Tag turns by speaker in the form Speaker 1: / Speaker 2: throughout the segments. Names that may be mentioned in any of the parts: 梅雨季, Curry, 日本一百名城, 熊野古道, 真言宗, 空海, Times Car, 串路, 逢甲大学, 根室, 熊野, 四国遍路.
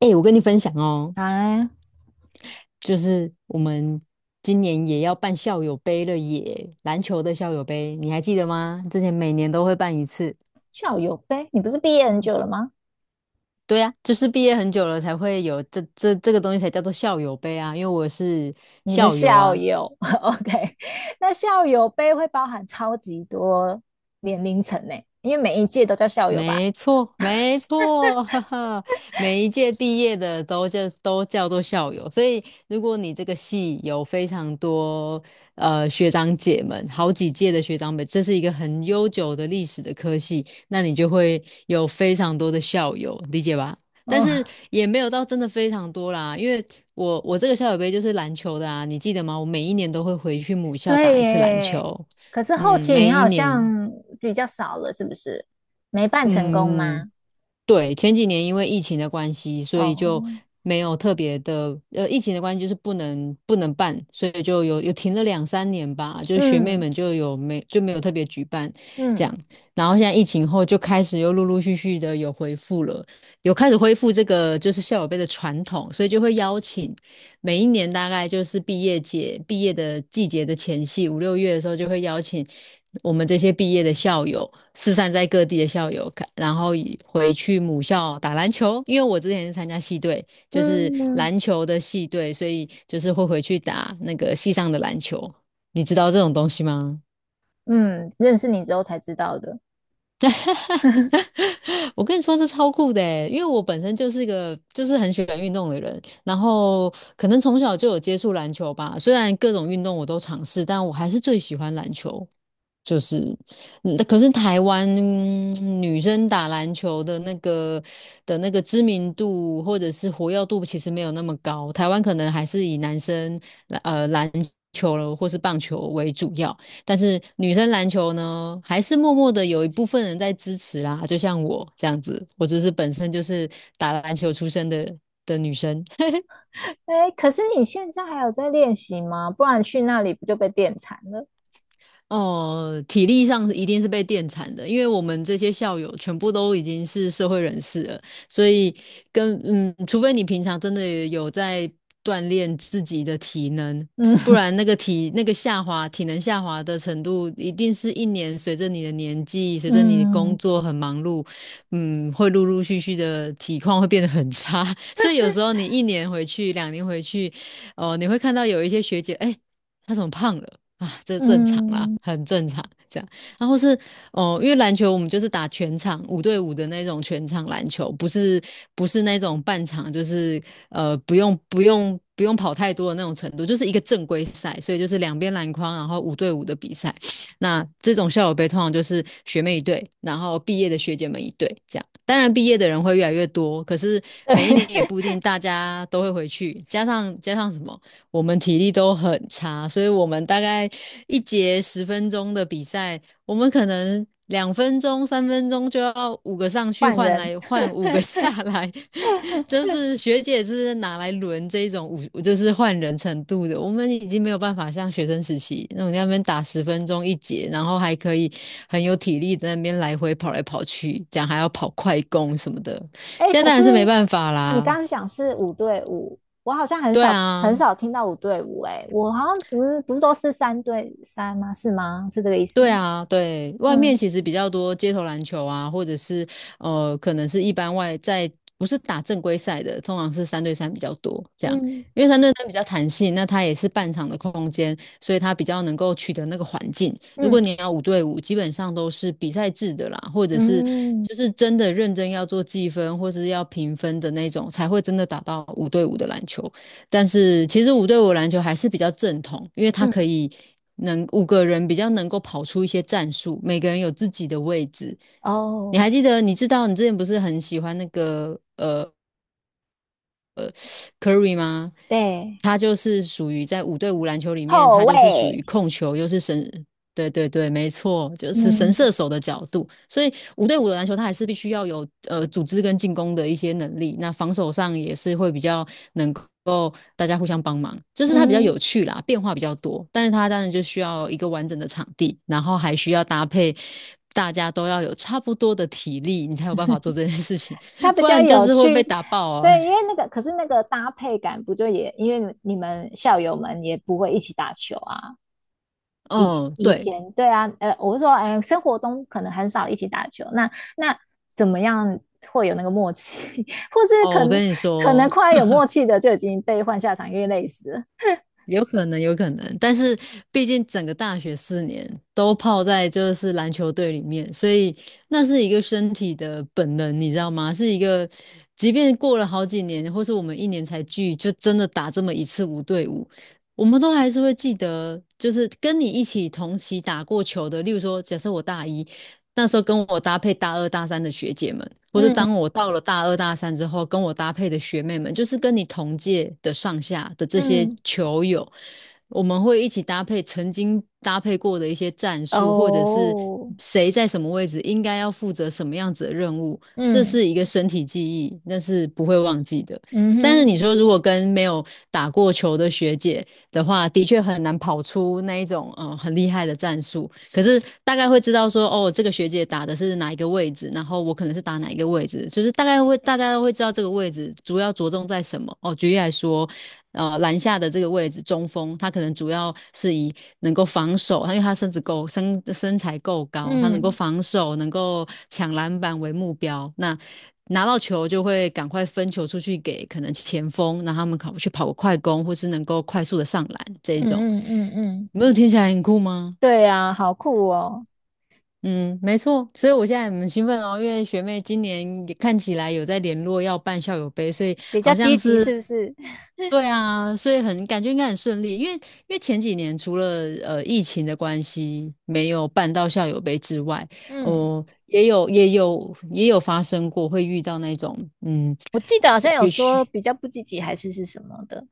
Speaker 1: 哎、我跟你分享哦，
Speaker 2: 啊，
Speaker 1: 就是我们今年也要办校友杯了耶，篮球的校友杯，你还记得吗？之前每年都会办一次。
Speaker 2: 校友杯，你不是毕业很久了吗？
Speaker 1: 对呀、就是毕业很久了才会有这个东西才叫做校友杯啊，因为我是
Speaker 2: 你是
Speaker 1: 校友
Speaker 2: 校
Speaker 1: 啊，
Speaker 2: 友 ，OK？那校友杯会包含超级多年龄层呢，因为每一届都叫校友吧？
Speaker 1: 没错，没错，哈哈，每一届毕业的都叫做校友，所以如果你这个系有非常多学长姐们，好几届的学长们，这是一个很悠久的历史的科系，那你就会有非常多的校友，理解吧？但是
Speaker 2: 哦，
Speaker 1: 也没有到真的非常多啦，因为我这个校友杯就是篮球的啊，你记得吗？我每一年都会回去母校打
Speaker 2: 对
Speaker 1: 一次篮
Speaker 2: 耶。
Speaker 1: 球，
Speaker 2: 可是后
Speaker 1: 嗯，
Speaker 2: 期
Speaker 1: 每
Speaker 2: 你
Speaker 1: 一
Speaker 2: 好
Speaker 1: 年。
Speaker 2: 像比较少了，是不是？没办成功
Speaker 1: 嗯，
Speaker 2: 吗？
Speaker 1: 对，前几年因为疫情的关系，所以就
Speaker 2: 哦，
Speaker 1: 没有特别的，疫情的关系就是不能办，所以就有停了两三年吧，就是学妹
Speaker 2: 嗯
Speaker 1: 们就没有特别举办这
Speaker 2: 嗯
Speaker 1: 样，然后现在疫情后就开始又陆陆续续的有恢复了，有开始恢复这个就是校友杯的传统，所以就会邀请每一年大概就是毕业节、毕业的季节的前夕，五六月的时候就会邀请我们这些毕业的校友，四散在各地的校友，然后回去母校打篮球。因为我之前是参加系队，就是
Speaker 2: 嗯嗯，
Speaker 1: 篮球的系队，所以就是会回去打那个系上的篮球。你知道这种东西吗？
Speaker 2: 嗯认识你之后才知道的。
Speaker 1: 我跟你说，这超酷的欸，因为我本身就是一个就是很喜欢运动的人，然后可能从小就有接触篮球吧。虽然各种运动我都尝试，但我还是最喜欢篮球。就是，可是台湾女生打篮球的那个知名度或者是活跃度其实没有那么高，台湾可能还是以男生篮球了或是棒球为主要，但是女生篮球呢，还是默默的有一部分人在支持啦，就像我这样子，我就是本身就是打篮球出身的女生。
Speaker 2: 哎，可是你现在还有在练习吗？不然去那里不就被电惨了？
Speaker 1: 哦，体力上一定是被电惨的，因为我们这些校友全部都已经是社会人士了，所以跟除非你平常真的有在锻炼自己的体能，
Speaker 2: 嗯
Speaker 1: 不然体能下滑的程度，一定是一年随着你的年纪，随着你的工
Speaker 2: 嗯。
Speaker 1: 作很忙碌，会陆陆续续的体况会变得很差，所以有时候你一年回去，两年回去，哦，你会看到有一些学姐，哎，她怎么胖了？啊，这正常啊，
Speaker 2: 嗯，
Speaker 1: 很正常这样。然后是哦，因为篮球我们就是打全场五对五的那种全场篮球，不是不是那种半场，就是不用跑太多的那种程度，就是一个正规赛，所以就是两边篮筐，然后五对五的比赛。那这种校友杯通常就是学妹一队，然后毕业的学姐们一队这样。当然，毕业的人会越来越多，可是每一年也不一定大家都会回去，加上什么？我们体力都很差，所以我们大概一节十分钟的比赛，我们可能2分钟、3分钟就要五个上去
Speaker 2: 换
Speaker 1: 换
Speaker 2: 人。
Speaker 1: 来换五个 下来，就是学姐是拿来轮这种五，就是换人程度的。我们已经没有办法像学生时期那种在那边打十分钟一节，然后还可以很有体力在那边来回跑来跑去，这样还要跑快攻什么的。
Speaker 2: 哎，
Speaker 1: 现在
Speaker 2: 可
Speaker 1: 当
Speaker 2: 是
Speaker 1: 然是没办法
Speaker 2: 你
Speaker 1: 啦，
Speaker 2: 刚刚讲是五对五，我好像很
Speaker 1: 对
Speaker 2: 少很
Speaker 1: 啊。
Speaker 2: 少听到五对五。哎，我好像不是都是三对三吗？是吗？是这个意思吗？
Speaker 1: 对啊，对，外面
Speaker 2: 嗯
Speaker 1: 其实比较多街头篮球啊，或者是可能是一般外在不是打正规赛的，通常是三对三比较多这样，
Speaker 2: 嗯
Speaker 1: 因为三对三比较弹性，那它也是半场的空间，所以它比较能够取得那个环境。如果
Speaker 2: 嗯
Speaker 1: 你要五对五，基本上都是比赛制的啦，或者是
Speaker 2: 嗯
Speaker 1: 就是真的认真要做计分或是要评分的那种，才会真的打到五对五的篮球。但是其实五对五篮球还是比较正统，因为它可
Speaker 2: 嗯。
Speaker 1: 以能五个人比较能够跑出一些战术，每个人有自己的位置。你
Speaker 2: 哦，
Speaker 1: 还记得？你知道你之前不是很喜欢那个 Curry 吗？
Speaker 2: 对，
Speaker 1: 他就是属于在五对五篮球里面，
Speaker 2: 后
Speaker 1: 他就是属
Speaker 2: 卫。
Speaker 1: 于控球，又是神，对对对，没错，就是神
Speaker 2: 嗯
Speaker 1: 射手的角度。所以五对五的篮球，他还是必须要有组织跟进攻的一些能力。那防守上也是会比较能够大家互相帮忙，就是他比较
Speaker 2: 嗯，
Speaker 1: 有趣啦，变化比较多。但是他当然就需要一个完整的场地，然后还需要搭配。大家都要有差不多的体力，你才有办法做这件事情，
Speaker 2: 他 比
Speaker 1: 不
Speaker 2: 较
Speaker 1: 然就
Speaker 2: 有
Speaker 1: 是会被
Speaker 2: 趣。
Speaker 1: 打爆啊。
Speaker 2: 对，因为那个可是那个搭配感不就也因为你们校友们也不会一起打球啊，
Speaker 1: 嗯，
Speaker 2: 以
Speaker 1: 对，
Speaker 2: 前对啊，我是说，哎、生活中可能很少一起打球，那怎么样会有那个默契，或是
Speaker 1: 哦，
Speaker 2: 可
Speaker 1: 我
Speaker 2: 能
Speaker 1: 跟你
Speaker 2: 可能
Speaker 1: 说，
Speaker 2: 快有默契的就已经被换下场，因为累死了。
Speaker 1: 有可能，有可能，但是毕竟整个大学4年都泡在就是篮球队里面，所以那是一个身体的本能，你知道吗？是一个，即便过了好几年，或是我们一年才聚，就真的打这么一次五对五，我们都还是会记得，就是跟你一起同期打过球的，例如说，假设我大一，那时候跟我搭配大二大三的学姐们，或是当
Speaker 2: 嗯
Speaker 1: 我到了大二大三之后，跟我搭配的学妹们，就是跟你同届的上下的这些
Speaker 2: 嗯
Speaker 1: 球友，我们会一起搭配曾经搭配过的一些战术，或者是
Speaker 2: 哦，
Speaker 1: 谁在什么位置应该要负责什么样子的任务，这
Speaker 2: 嗯
Speaker 1: 是一个身体记忆，那是不会忘记的。
Speaker 2: 嗯
Speaker 1: 但是
Speaker 2: 哼
Speaker 1: 你说如果跟没有打过球的学姐的话，的确很难跑出那一种很厉害的战术。可是大概会知道说，哦，这个学姐打的是哪一个位置，然后我可能是打哪一个位置，就是大概会大家都会知道这个位置主要着重在什么。哦，举例来说，篮下的这个位置中锋，他可能主要是以能够防守，因为他身材够高，他能够
Speaker 2: 嗯
Speaker 1: 防守，能够抢篮板为目标。那拿到球就会赶快分球出去给可能前锋，让他们跑去跑个快攻，或是能够快速的上篮这
Speaker 2: 嗯
Speaker 1: 一种。
Speaker 2: 嗯嗯嗯
Speaker 1: 没有听起来很酷吗？
Speaker 2: 对啊，好酷哦，
Speaker 1: 嗯，没错，所以我现在很兴奋哦，因为学妹今年也看起来有在联络要办校友杯，所以
Speaker 2: 比较
Speaker 1: 好
Speaker 2: 积
Speaker 1: 像
Speaker 2: 极
Speaker 1: 是，
Speaker 2: 是不是？
Speaker 1: 对啊，所以很感觉应该很顺利，因为前几年除了疫情的关系没有办到校友杯之外，
Speaker 2: 嗯
Speaker 1: 哦、也有发生过会遇到那种嗯，
Speaker 2: 我记得好
Speaker 1: 呃
Speaker 2: 像有
Speaker 1: 学
Speaker 2: 说比较不积极还是是什么的。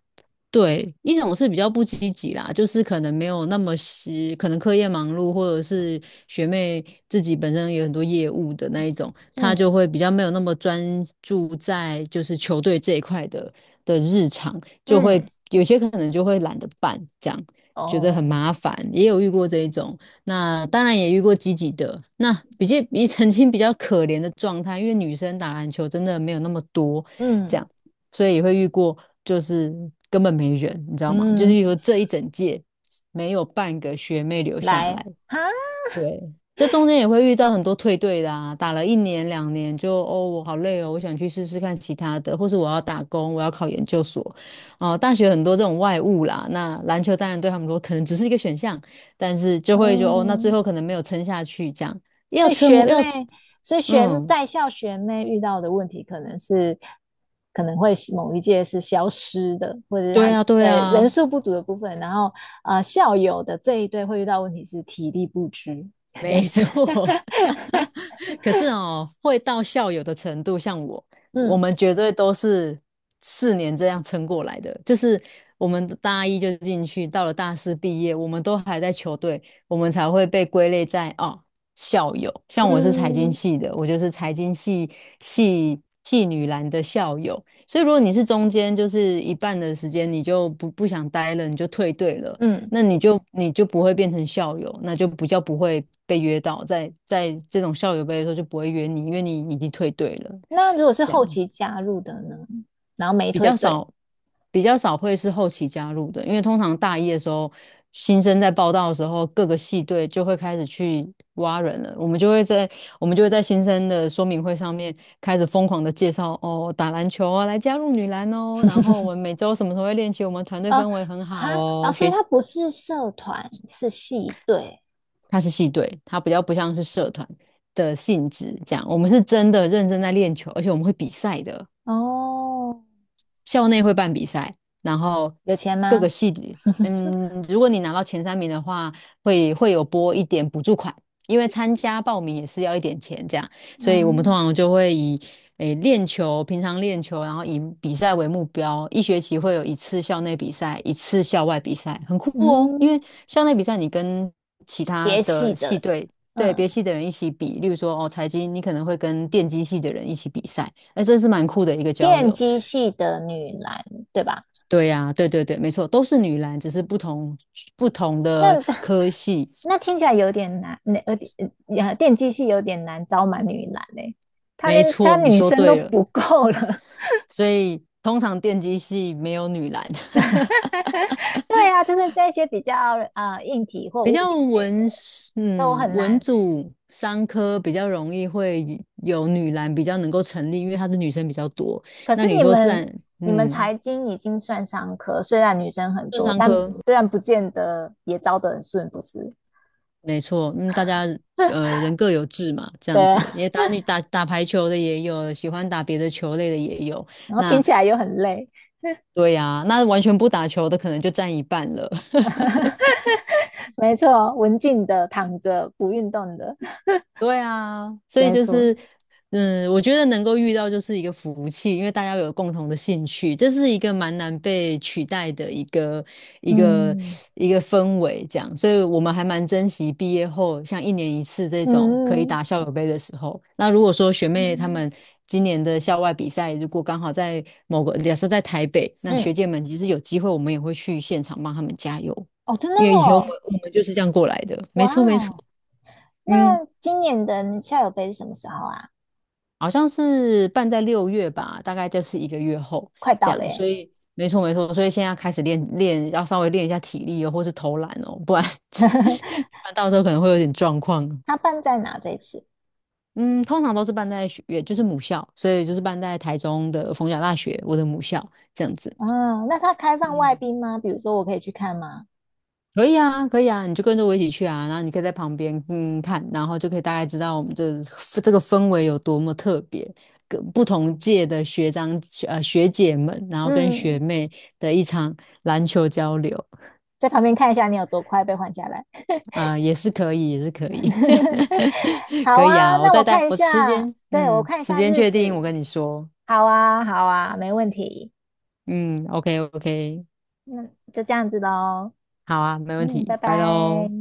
Speaker 1: 对，一种是比较不积极啦，就是可能没有那么是，可能课业忙碌，或者是学妹自己本身有很多业务的那一种，她就
Speaker 2: 嗯
Speaker 1: 会比较没有那么专注在就是球队这一块的日常，就会
Speaker 2: 嗯，
Speaker 1: 有些可能就会懒得办，这样觉得很
Speaker 2: 哦，
Speaker 1: 麻烦，也有遇过这一种。那当然也遇过积极的，那比较 比曾经比较可怜的状态，因为女生打篮球真的没有那么多，这
Speaker 2: 嗯
Speaker 1: 样。所以也会遇过就是根本没人，你知道吗？就是
Speaker 2: 嗯，
Speaker 1: 说这一整届没有半个学妹留下
Speaker 2: 来
Speaker 1: 来，
Speaker 2: 哈，
Speaker 1: 对。这中间也会遇到很多退队的啊，打了一年两年就哦，我好累哦，我想去试试看其他的，或是我要打工，我要考研究所。哦、大学很多这种外务啦，那篮球当然对他们说可能只是一个选项，但是就会说哦，那最
Speaker 2: 嗯，
Speaker 1: 后可能没有撑下去，这样要
Speaker 2: 所以
Speaker 1: 撑
Speaker 2: 学
Speaker 1: 要
Speaker 2: 妹，所以学
Speaker 1: 嗯，
Speaker 2: 在校学妹遇到的问题，可能会某一届是消失的，或者是
Speaker 1: 对
Speaker 2: 他
Speaker 1: 啊，对
Speaker 2: 人
Speaker 1: 啊，
Speaker 2: 数不足的部分，然后校友的这一对会遇到问题是体力不支，这样
Speaker 1: 没
Speaker 2: 子。
Speaker 1: 错，可是哦，会到校友的程度，像我，我
Speaker 2: 嗯
Speaker 1: 们绝对都是4年这样撑过来的。就是我们大一就进去，到了大四毕业，我们都还在球队，我们才会被归类在哦校友。像我是财经
Speaker 2: 嗯
Speaker 1: 系的，我就是财经系系女篮的校友。所以如果你是中间就是一半的时间，你就不想待了，你就退队了。
Speaker 2: 嗯。
Speaker 1: 那你就不会变成校友，那就比较不会被约到，在这种校友杯的时候就不会约你，因为你已经退队了，
Speaker 2: 那如果是
Speaker 1: 这样
Speaker 2: 后期加入的呢？然后没
Speaker 1: 比
Speaker 2: 退
Speaker 1: 较
Speaker 2: 队
Speaker 1: 少比较少会是后期加入的，因为通常大一的时候，新生在报道的时候，各个系队就会开始去挖人了，我们就会在新生的说明会上面开始疯狂的介绍哦，打篮球啊，来加入女篮哦，然后我们每周什么时候会练习，我们团队氛围很好
Speaker 2: 哈，然
Speaker 1: 哦，
Speaker 2: 后所以他不是社团，是系队
Speaker 1: 它是系队，它比较不像是社团的性质这样。我们是真的认真在练球，而且我们会比赛的。
Speaker 2: 哦。
Speaker 1: 校内会办比赛，然后
Speaker 2: 有钱
Speaker 1: 各个
Speaker 2: 吗？
Speaker 1: 系里如果你拿到前三名的话，会有拨一点补助款，因为参加报名也是要一点钱这样，所以我们通
Speaker 2: 嗯
Speaker 1: 常就会以练球，平常练球，然后以比赛为目标，一学期会有一次校内比赛，一次校外比赛，很酷哦，因为
Speaker 2: 嗯。
Speaker 1: 校内比赛你跟其他
Speaker 2: 别系
Speaker 1: 的系
Speaker 2: 的，
Speaker 1: 队。对
Speaker 2: 嗯，
Speaker 1: 别系的人一起比，例如说哦，财经你可能会跟电机系的人一起比赛，哎，这是蛮酷的一个交
Speaker 2: 电
Speaker 1: 流。
Speaker 2: 机系的女篮，对吧？
Speaker 1: 对呀、对对对，没错，都是女篮，只是不同的
Speaker 2: 那
Speaker 1: 科系。
Speaker 2: 那听起来有点难，那有点电机系有点难招满女篮嘞、欸她
Speaker 1: 没
Speaker 2: 连她
Speaker 1: 错，你
Speaker 2: 女
Speaker 1: 说
Speaker 2: 生都
Speaker 1: 对了。
Speaker 2: 不够了。
Speaker 1: 所以通常电机系没有女篮，
Speaker 2: 对啊，就是那些比较硬体或
Speaker 1: 比
Speaker 2: 物
Speaker 1: 较
Speaker 2: 理类
Speaker 1: 文，
Speaker 2: 的都
Speaker 1: 嗯，
Speaker 2: 很
Speaker 1: 文
Speaker 2: 难。
Speaker 1: 组三科比较容易会有女篮比较能够成立，因为她的女生比较多。
Speaker 2: 可
Speaker 1: 那
Speaker 2: 是
Speaker 1: 你
Speaker 2: 你
Speaker 1: 说自
Speaker 2: 们
Speaker 1: 然，
Speaker 2: 你们
Speaker 1: 嗯，
Speaker 2: 财经已经算商科，虽然女生很
Speaker 1: 这
Speaker 2: 多，
Speaker 1: 三
Speaker 2: 但
Speaker 1: 科
Speaker 2: 虽然不见得也招得很顺，不是？
Speaker 1: 没错，嗯，大家人各有志嘛，这
Speaker 2: 对
Speaker 1: 样子，
Speaker 2: 啊，
Speaker 1: 也打打排球的也有，喜欢打别的球类的也有。
Speaker 2: 然后听
Speaker 1: 那
Speaker 2: 起来又很累。
Speaker 1: 对呀、那完全不打球的可能就占一半了。
Speaker 2: 没错，文静的躺着不运动的
Speaker 1: 对啊，所以
Speaker 2: 没
Speaker 1: 就
Speaker 2: 错，
Speaker 1: 是，我觉得能够遇到就是一个福气，因为大家有共同的兴趣，这是一个蛮难被取代的一个
Speaker 2: 嗯
Speaker 1: 一个氛围，这样，所以我们还蛮珍惜毕业后像一年一次这种可以
Speaker 2: 嗯
Speaker 1: 打校友杯的时候。那如果说学
Speaker 2: 嗯，
Speaker 1: 妹她
Speaker 2: 嗯
Speaker 1: 们今年的校外比赛，如果刚好在某个，假设在台北，那
Speaker 2: 嗯
Speaker 1: 学姐们其实有机会，我们也会去现场帮她们加油，
Speaker 2: 哦，真的
Speaker 1: 因为以前我们
Speaker 2: 哦，
Speaker 1: 我们就是这样过来的，没
Speaker 2: 哇，
Speaker 1: 错没错，嗯。
Speaker 2: 那今年的校友杯是什么时候啊？
Speaker 1: 好像是办在6月吧，大概就是一个月后
Speaker 2: 快
Speaker 1: 这
Speaker 2: 到了
Speaker 1: 样，所
Speaker 2: 耶，
Speaker 1: 以没错没错，所以现在开始练练，要稍微练一下体力哦，或是投篮哦，不然 不然到时候可能会有点状况。
Speaker 2: 它办在哪这一次？
Speaker 1: 嗯，通常都是办在学，也就是母校，所以就是办在台中的逢甲大学，我的母校这样子。
Speaker 2: 嗯，那它开放外宾吗？比如说我可以去看吗？
Speaker 1: 可以啊，可以啊，你就跟着我一起去啊，然后你可以在旁边看，然后就可以大概知道我们这个氛围有多么特别，跟不同届的学长学姐们，然后跟学
Speaker 2: 嗯，
Speaker 1: 妹的一场篮球交流
Speaker 2: 在旁边看一下你有多快被换下来。
Speaker 1: 啊、也是可以，也是可以，
Speaker 2: 好
Speaker 1: 可以
Speaker 2: 啊，
Speaker 1: 啊，我
Speaker 2: 那
Speaker 1: 再
Speaker 2: 我
Speaker 1: 带
Speaker 2: 看一
Speaker 1: 我时
Speaker 2: 下，
Speaker 1: 间，
Speaker 2: 对，我看一
Speaker 1: 时
Speaker 2: 下
Speaker 1: 间
Speaker 2: 日
Speaker 1: 确定，我
Speaker 2: 子。
Speaker 1: 跟你说，
Speaker 2: 好啊，好啊，没问题。
Speaker 1: 嗯，OK OK，
Speaker 2: 那就这样子喽。
Speaker 1: 好啊，没问
Speaker 2: 嗯，拜
Speaker 1: 题，拜
Speaker 2: 拜。
Speaker 1: 喽。